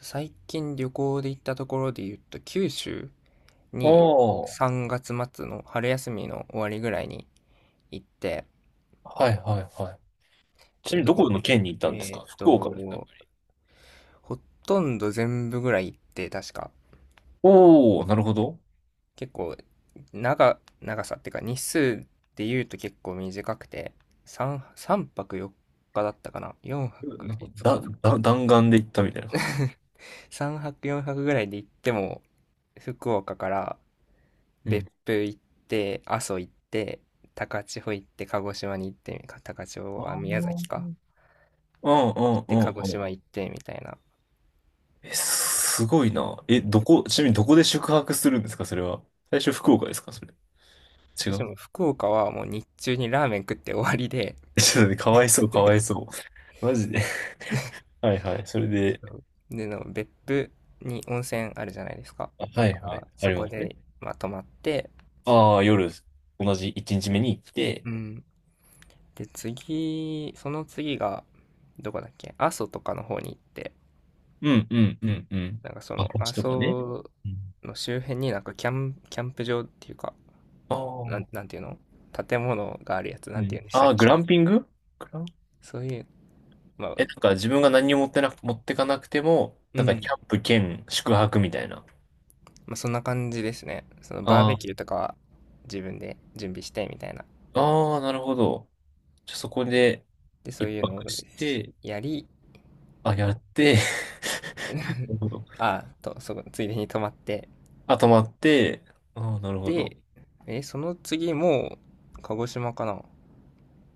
最近旅行で行ったところで言うと、九州おにー、3月末の春休みの終わりぐらいに行って、はいはいはい。ちなで、みにどどこ、この県に行ったんですえーか、っ福と、岡ですか、やっぱり。ほとんど全部ぐらい行って、確か、おー、なるほど。結構、長さっていうか、日数で言うと結構短くて、3泊4日だったかな？ 4 泊なんか、5だ、日 だ、弾丸で行ったみたいな感じですか。 3 泊4泊、よんはくぐらいで行っても、福岡からうん。別府行って、阿蘇行って、高千穂行って、鹿児島に行って、か、高千穂あはー、宮崎か、うんうん行っうて、鹿ん児うん。島行って、みたいな。え、すごいな。え、どこ、ちなみにどこで宿泊するんですか、それは。最初福岡ですか、それ。違そしてう。もう福岡はもう日中にラーメン食って終わりで、ちょっとね、かわいそう、かわいそう。マジで。はいはい。それで、そう、での別府に温泉あるじゃないですか。あ、はだいかはい。らあそりこますね。で、まあ、泊まって、ああ、夜、同じ1日目に行って、うん。で、次、その次が、どこだっけ、阿蘇とかの方に行って、うんうんうんうん。なんかそあ、のこっ阿ちとかね。蘇の周辺になんかキャンプ場っていうか、ああ。なんていうの、建物があるやつ、なうんていん。うんでしたあっあ、グけ、ランピング、グラン、そういう、まあ、え、なんか自分が何にも持ってなく、持ってかなくても、うなんかキん。ャンプ兼宿泊みたいな。まあ、そんな感じですね。そのバーベあキューとかは自分で準備してみたいな。あ、ああ、なるほど。じゃあそこでで、そう一いうのを泊して、やり、あ、やって、なるほど。ああ、と、そこ、ついでに泊まって。あ、泊まって、ああ、なるほで、ど。その次も、鹿児島かな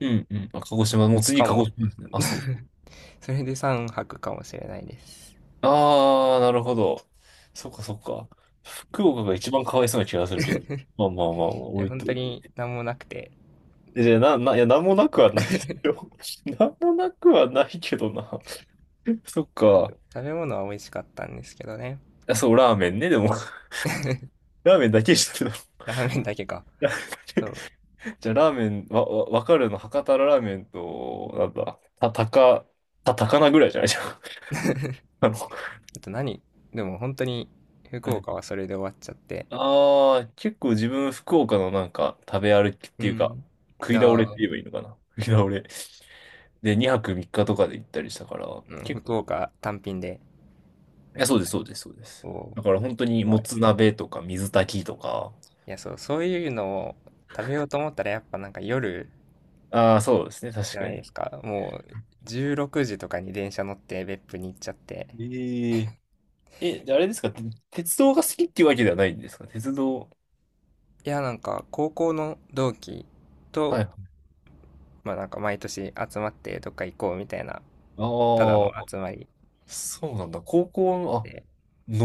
うんうん。あ、鹿児島、もう次か鹿児も。島ですね。あ、そう。それで3泊かもしれないです。ああ、なるほど。そっかそっか。福岡うがん、一番かわいそうな気がするけど。まあまあまあ、い置や、い本と、当に何もなくて、いや、いや、なんもなくはないですよ。なんもなくはないけどな。そっうん、か。あ、食べ物は美味しかったんですけどね。そう、ラーメンね、でも。ラーメンだけしてたんだラーメンだけか。ね。そう。じゃあ、ラーメン、わかるの、博多ラーメンと、なんだ、た、たか、た、高菜ぐらいじゃないじゃん。あの、あと何でも本当に福はい。岡はそれで終わっちゃって。ああ、結構自分、福岡のなんか、食べ歩きっうていうか、ん。食い倒れってあ言えーばいいのかな。食い倒れ。で、2泊3日とかで行ったりしたから、うん、結福構、岡単品で。いや、そうです、そうです、そうです。おー、だから本当すに、ごもい。つ鍋とか、水炊きとか、いや、そう、そういうのを食べようと思ったらやっぱなんか夜ああ、そうですね、じ確ゃかないでに。すか。もう16時とかに電車乗って別府に行っちゃって。え、ええ、じゃああれですか、て、鉄道が好きっていうわけではないんですか、鉄道。いや、なんか高校の同期と、はい。ああ、まあなんか毎年集まってどっか行こうみたいな、ただの集まりそうなんだ。高校の、あ、で。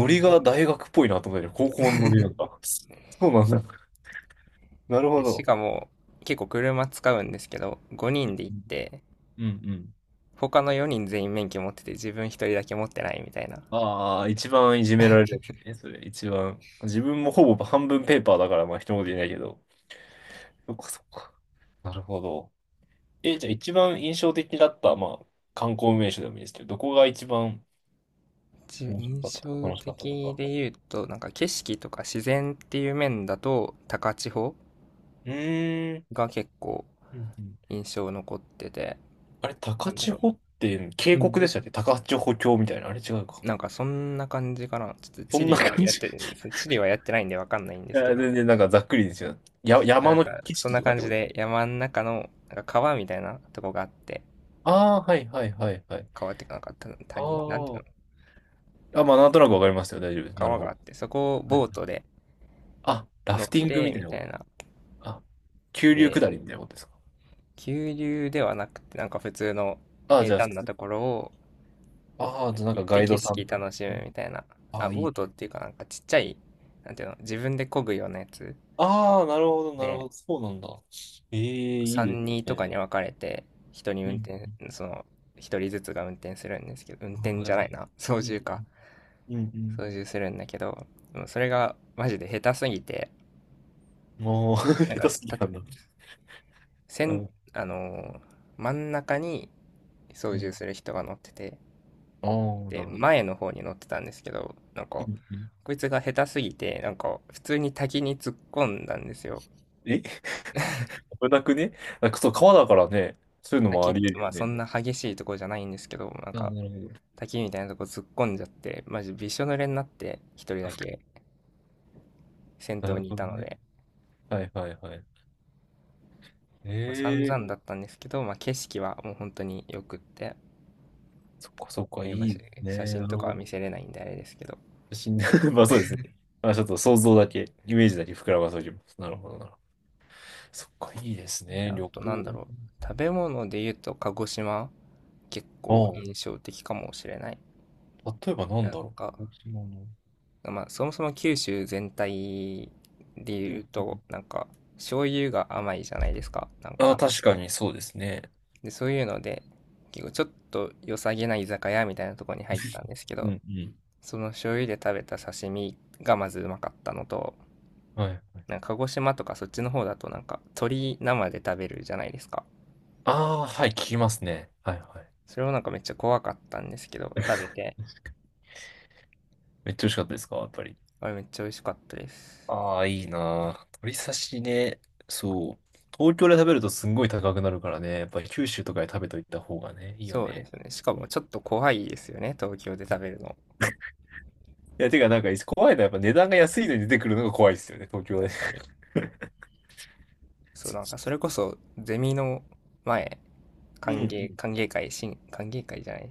うリん。が大学っぽいなと思ったけど、高校のノリなんだ。そうなんだ。なるほでしど。かも結構車使うんですけど、5人で行って、うんうん。他の4人全員免許持ってて自分一人だけ持ってないみたいな。ああ、一番いじめられるやつね、それ、一番。自分もほぼ半分ペーパーだから、まあ、一言言えないけど。そっかそっか。なるほど。え、じゃあ一番印象的だった、まあ、観光名所でもいいですけど、どこが一番楽しかった印とか、象楽しかったと的か。で言うとなんか景色とか自然っていう面だと高千穂うーん。が結構うんうん。印象残ってて、あれ、な高んだ千ろ穂って渓う、う谷でん、したっけ、高千穂峡みたいな。あれ違うか。なんかそんな感じかな。ちょっとそ地ん理なは感やっじ。いてそう、地理はやってないんでわかんないんですけや、ど、全然なんかざっくりですよ。や、まあ、山なんのか景そん色なとかっ感てじこと。で山の中のなんか川みたいなとこがあって、ああー、はいはいはいはい。川っていうかなんか谷、なんていうの、ああ。あ、まあ、なんとなくわかりますよ。大丈夫です。なる川ほがあど。ってそこをはい。ボートであ、ラ乗っフティングてみたいみなたこと。いな。あ、急流で、下りみたいなことですか。急流ではなくて、なんか普通のああ、じゃあ平普坦な通。ところをああ、じゃあ行なっんかてガイド景さん色とか。楽しむみたいな。ああ、あ、いボーい。トっていうかなんかちっちゃい、なんていうの、自分で漕ぐようなやつああ、なるほど、なるほで、ど。そうなんだ。ええ、いいです3、人とかね。に分かれて、人にう運ん。転、その、一人ずつが運転するんですけど、運あ転あ、でじゃもないいい、な、操う縦ん、か。う操ん、縦するんだけど、でもそれがマジで下手すぎて、うん。ああ、なん下か、手すぎた、なんだ。せうん、ん、あのー真ん中に操う縦ん。する人が乗ってて、ああ、なで、るほど。前の方に乗ってたんですけど、なんうか、んうん、こいつが下手すぎて、なんか、普通に滝に突っ込んだんですよ。え。 危なくね。あ、そう、川だからね、そういうのも滝あっり得て、るまあそよね。んな激しいとこじゃないんですけど、なんああ、か、なるほど。滝みたいなとこ突っ込んじゃって、マジびしょ濡れになって、一人だけ先な頭るにいほたどのね。で、はいはいはい。まあ、散ええ。々だったんですけど、まあ景色はもう本当に良くって、そっかそっか、まあ、いいです写ね。真なるとかほはど。見せれないんであれですけど。死んだ。 まあそうですね。まあちょっと想像だけ、イメージだけ膨らませておきます。なるほどなるほど。そっか、いいですで、ね、あ旅となん行。だろう。食べ物で言うと鹿児島、結構あ印象的かもしれない。あ、例えばなんなだんろか、う、沖縄の。まあ、そもそも九州全体でうん言ううと、ん。なんか、醤油が甘いじゃないですか、なんああ、か。確かにそうですね。で、そういうので、結構ちょっと良さげな居酒屋みたいなところに入ったんですけうど、んうん。その醤油で食べた刺身がまずうまかったのと、はい。はい。なんか鹿児島とかそっちの方だとなんか鶏生で食べるじゃないですか。ああ、はい、聞きますね。はいはい。それもなんかめっちゃ怖かったんですけど、食べて、めっちゃ美味しかったですか、やっぱり。あれめっちゃ美味しかったです。ああ、いいなー。鶏刺しね。そう。東京で食べるとすんごい高くなるからね。やっぱり九州とかで食べといた方がね、いいよそうでね。すね。しかもちょっと怖いですよね、東京で食べるの。いや、てかなんか怖いのはやっぱ値段が安いのに出てくるのが怖いですよね、東京で。確かに。そう、なんかそれこそゼミの前、うんうん。歓迎会、歓迎会じゃない、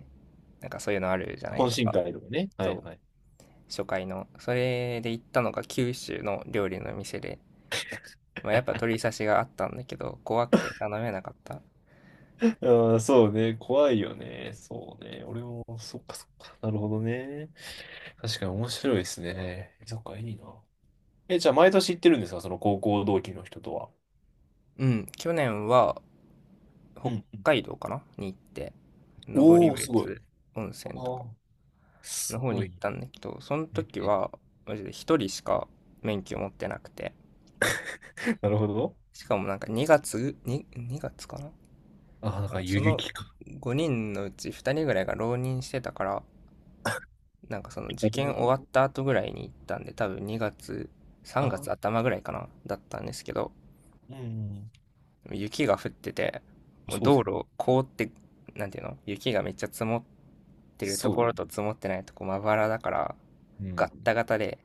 なんかそういうのあるじゃないで懇す親か。会とかね。はいそはい。う、初回の。それで行ったのが九州の料理の店で、まあ、やっぱ鳥刺しがあったんだけど、怖くて頼めなかった。ああ、そうね。怖いよね。そうね。俺も、そっかそっか。なるほどね。確かに面白いですね。そっか、いいな。え、じゃあ毎年行ってるんですか、その高校同期の人とは。うん、去年はう北んうん。海道かなに行って、登おお、すごい。別温あ泉とかあ、のす方ごに行っいたんだけど、そのね。時はマジで一人しか免許持ってなくて、なるほど。しかもなんか2月、2月かな、ああ、だからそ遊の撃か。5人のうち2人ぐらいが浪人してたからなんかその受なる験ほ終ど。わった後ぐらいに行ったんで、多分2月あ3月あ、頭ぐらいかな、だったんですけど、うん。雪が降っててもうそう道だよね。路凍って、なんていうの、雪がめっちゃ積もってるとそうだこよろね。と積もってないとこまばらだからうガん。ッタガタで、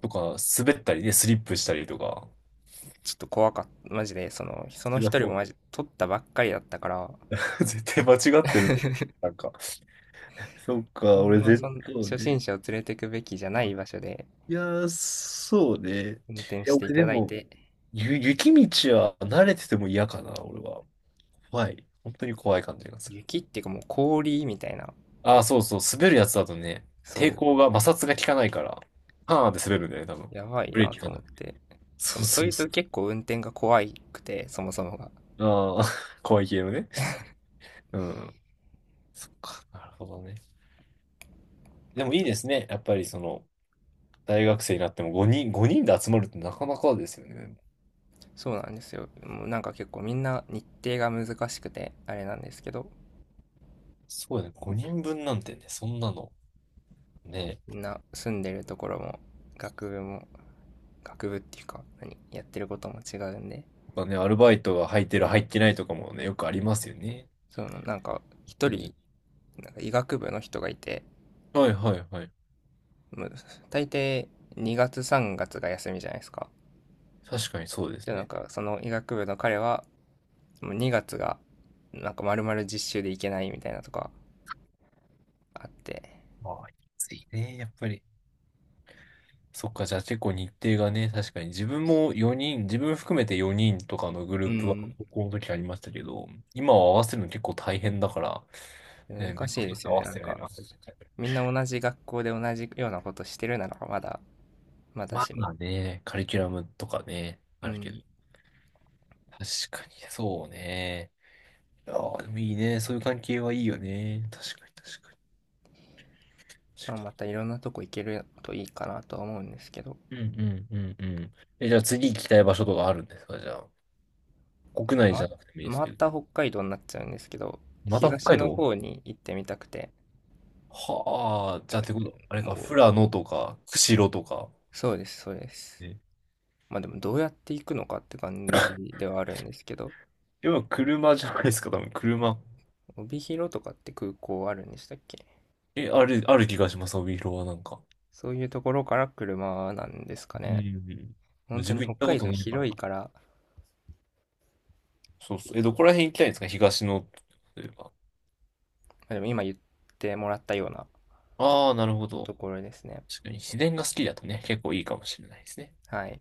とか、滑ったりね、スリップしたりとか。ちょっと怖かった、マジで。そのそりゃ一人そもう。マジ取ったばっかりだったから、 絶対間違ってるとか。なんか。そっあか、ん俺ま絶対そう初心ね。者を連れてくべきじゃない場所でいやー、そうね。い運転や、してい俺たでだいも、て、ゆ、雪道は慣れてても嫌かな、俺は。怖い。本当に怖い感じがする。雪っていうかもう氷みたいな、ああ、そうそう、滑るやつだとね、抵そ抗が、摩擦が効かないから、パーンって滑るんだよね、多う、分。やばいブレーなキ効とか思ない。って。しかそうもそそいうそつ結構運転が怖くて、そもそもが。う。ああ、怖い系のね。うん。そっか、なるほどね。でもいいですね。やっぱりその、大学生になっても5人で集まるってなかなかですよね。そうなんですよ。もうなんか結構みんな日程が難しくて、あれなんですけど、そうだね、5人分なんてね、そんなの、ね、みんな住んでるところも、学部も、学部っていうか、何、やってることも違うんで、ぱね、アルバイトが入ってる入ってないとかもね、よくありますよね。そのなんか本一当に。人、なんか医学部の人がいて、はいはいはい。もう大抵2月3月、が休みじゃないですか。確かにそうですで、なんね。かその医学部の彼はもう2月がなんか丸々実習で行けないみたいなとかあって、まあ、ついね、やっぱり。そっか、じゃあ結構日程がね、確かに自分も4人、自分含めて4人とかのグうループはん。高校の時ありましたけど、今は合わせるの結構大変だから、ね、難面し倒いくでさくすて合よねわなんせてないか、な。みんな同じ学校で同じようなことしてるならまだましも、あね、カリキュラムとかね、うあるけど。ん。確かに、そうね。ああ、でもいいね。そういう関係はいいよね。確かに、確かに。ま確あ、かまに、たいろんなとこ行けるといいかなとは思うんですけど、こうんうんうんうん。え、じゃあ次行きたい場所とかあるんですか、じゃあ。国れ内じまゃなくてもいいですまけど。た北海道になっちゃうんですけど、また北東海の道。方に行ってみたくて、はあ、じゃあってこと、あれもか、富う、良野とか、釧路とか。そうですそうです、ね。まあでもどうやって行くのかって感じではあるんですけど、でも車じゃないですか、多分車。帯広とかって空港あるんでしたっけ、え、ある、ある気がします、帯広はなんか。そういうところから車なんですかうんうね。ん。本当自に分行北ったこ海と道ないから。広いから、まそうそう。え、どこら辺行きたいんですか、東の、例えば。あ、でも今言ってもらったようなああ、なるほとど。ころですね。確かに自然が好きだとね、結構いいかもしれないですね。はい。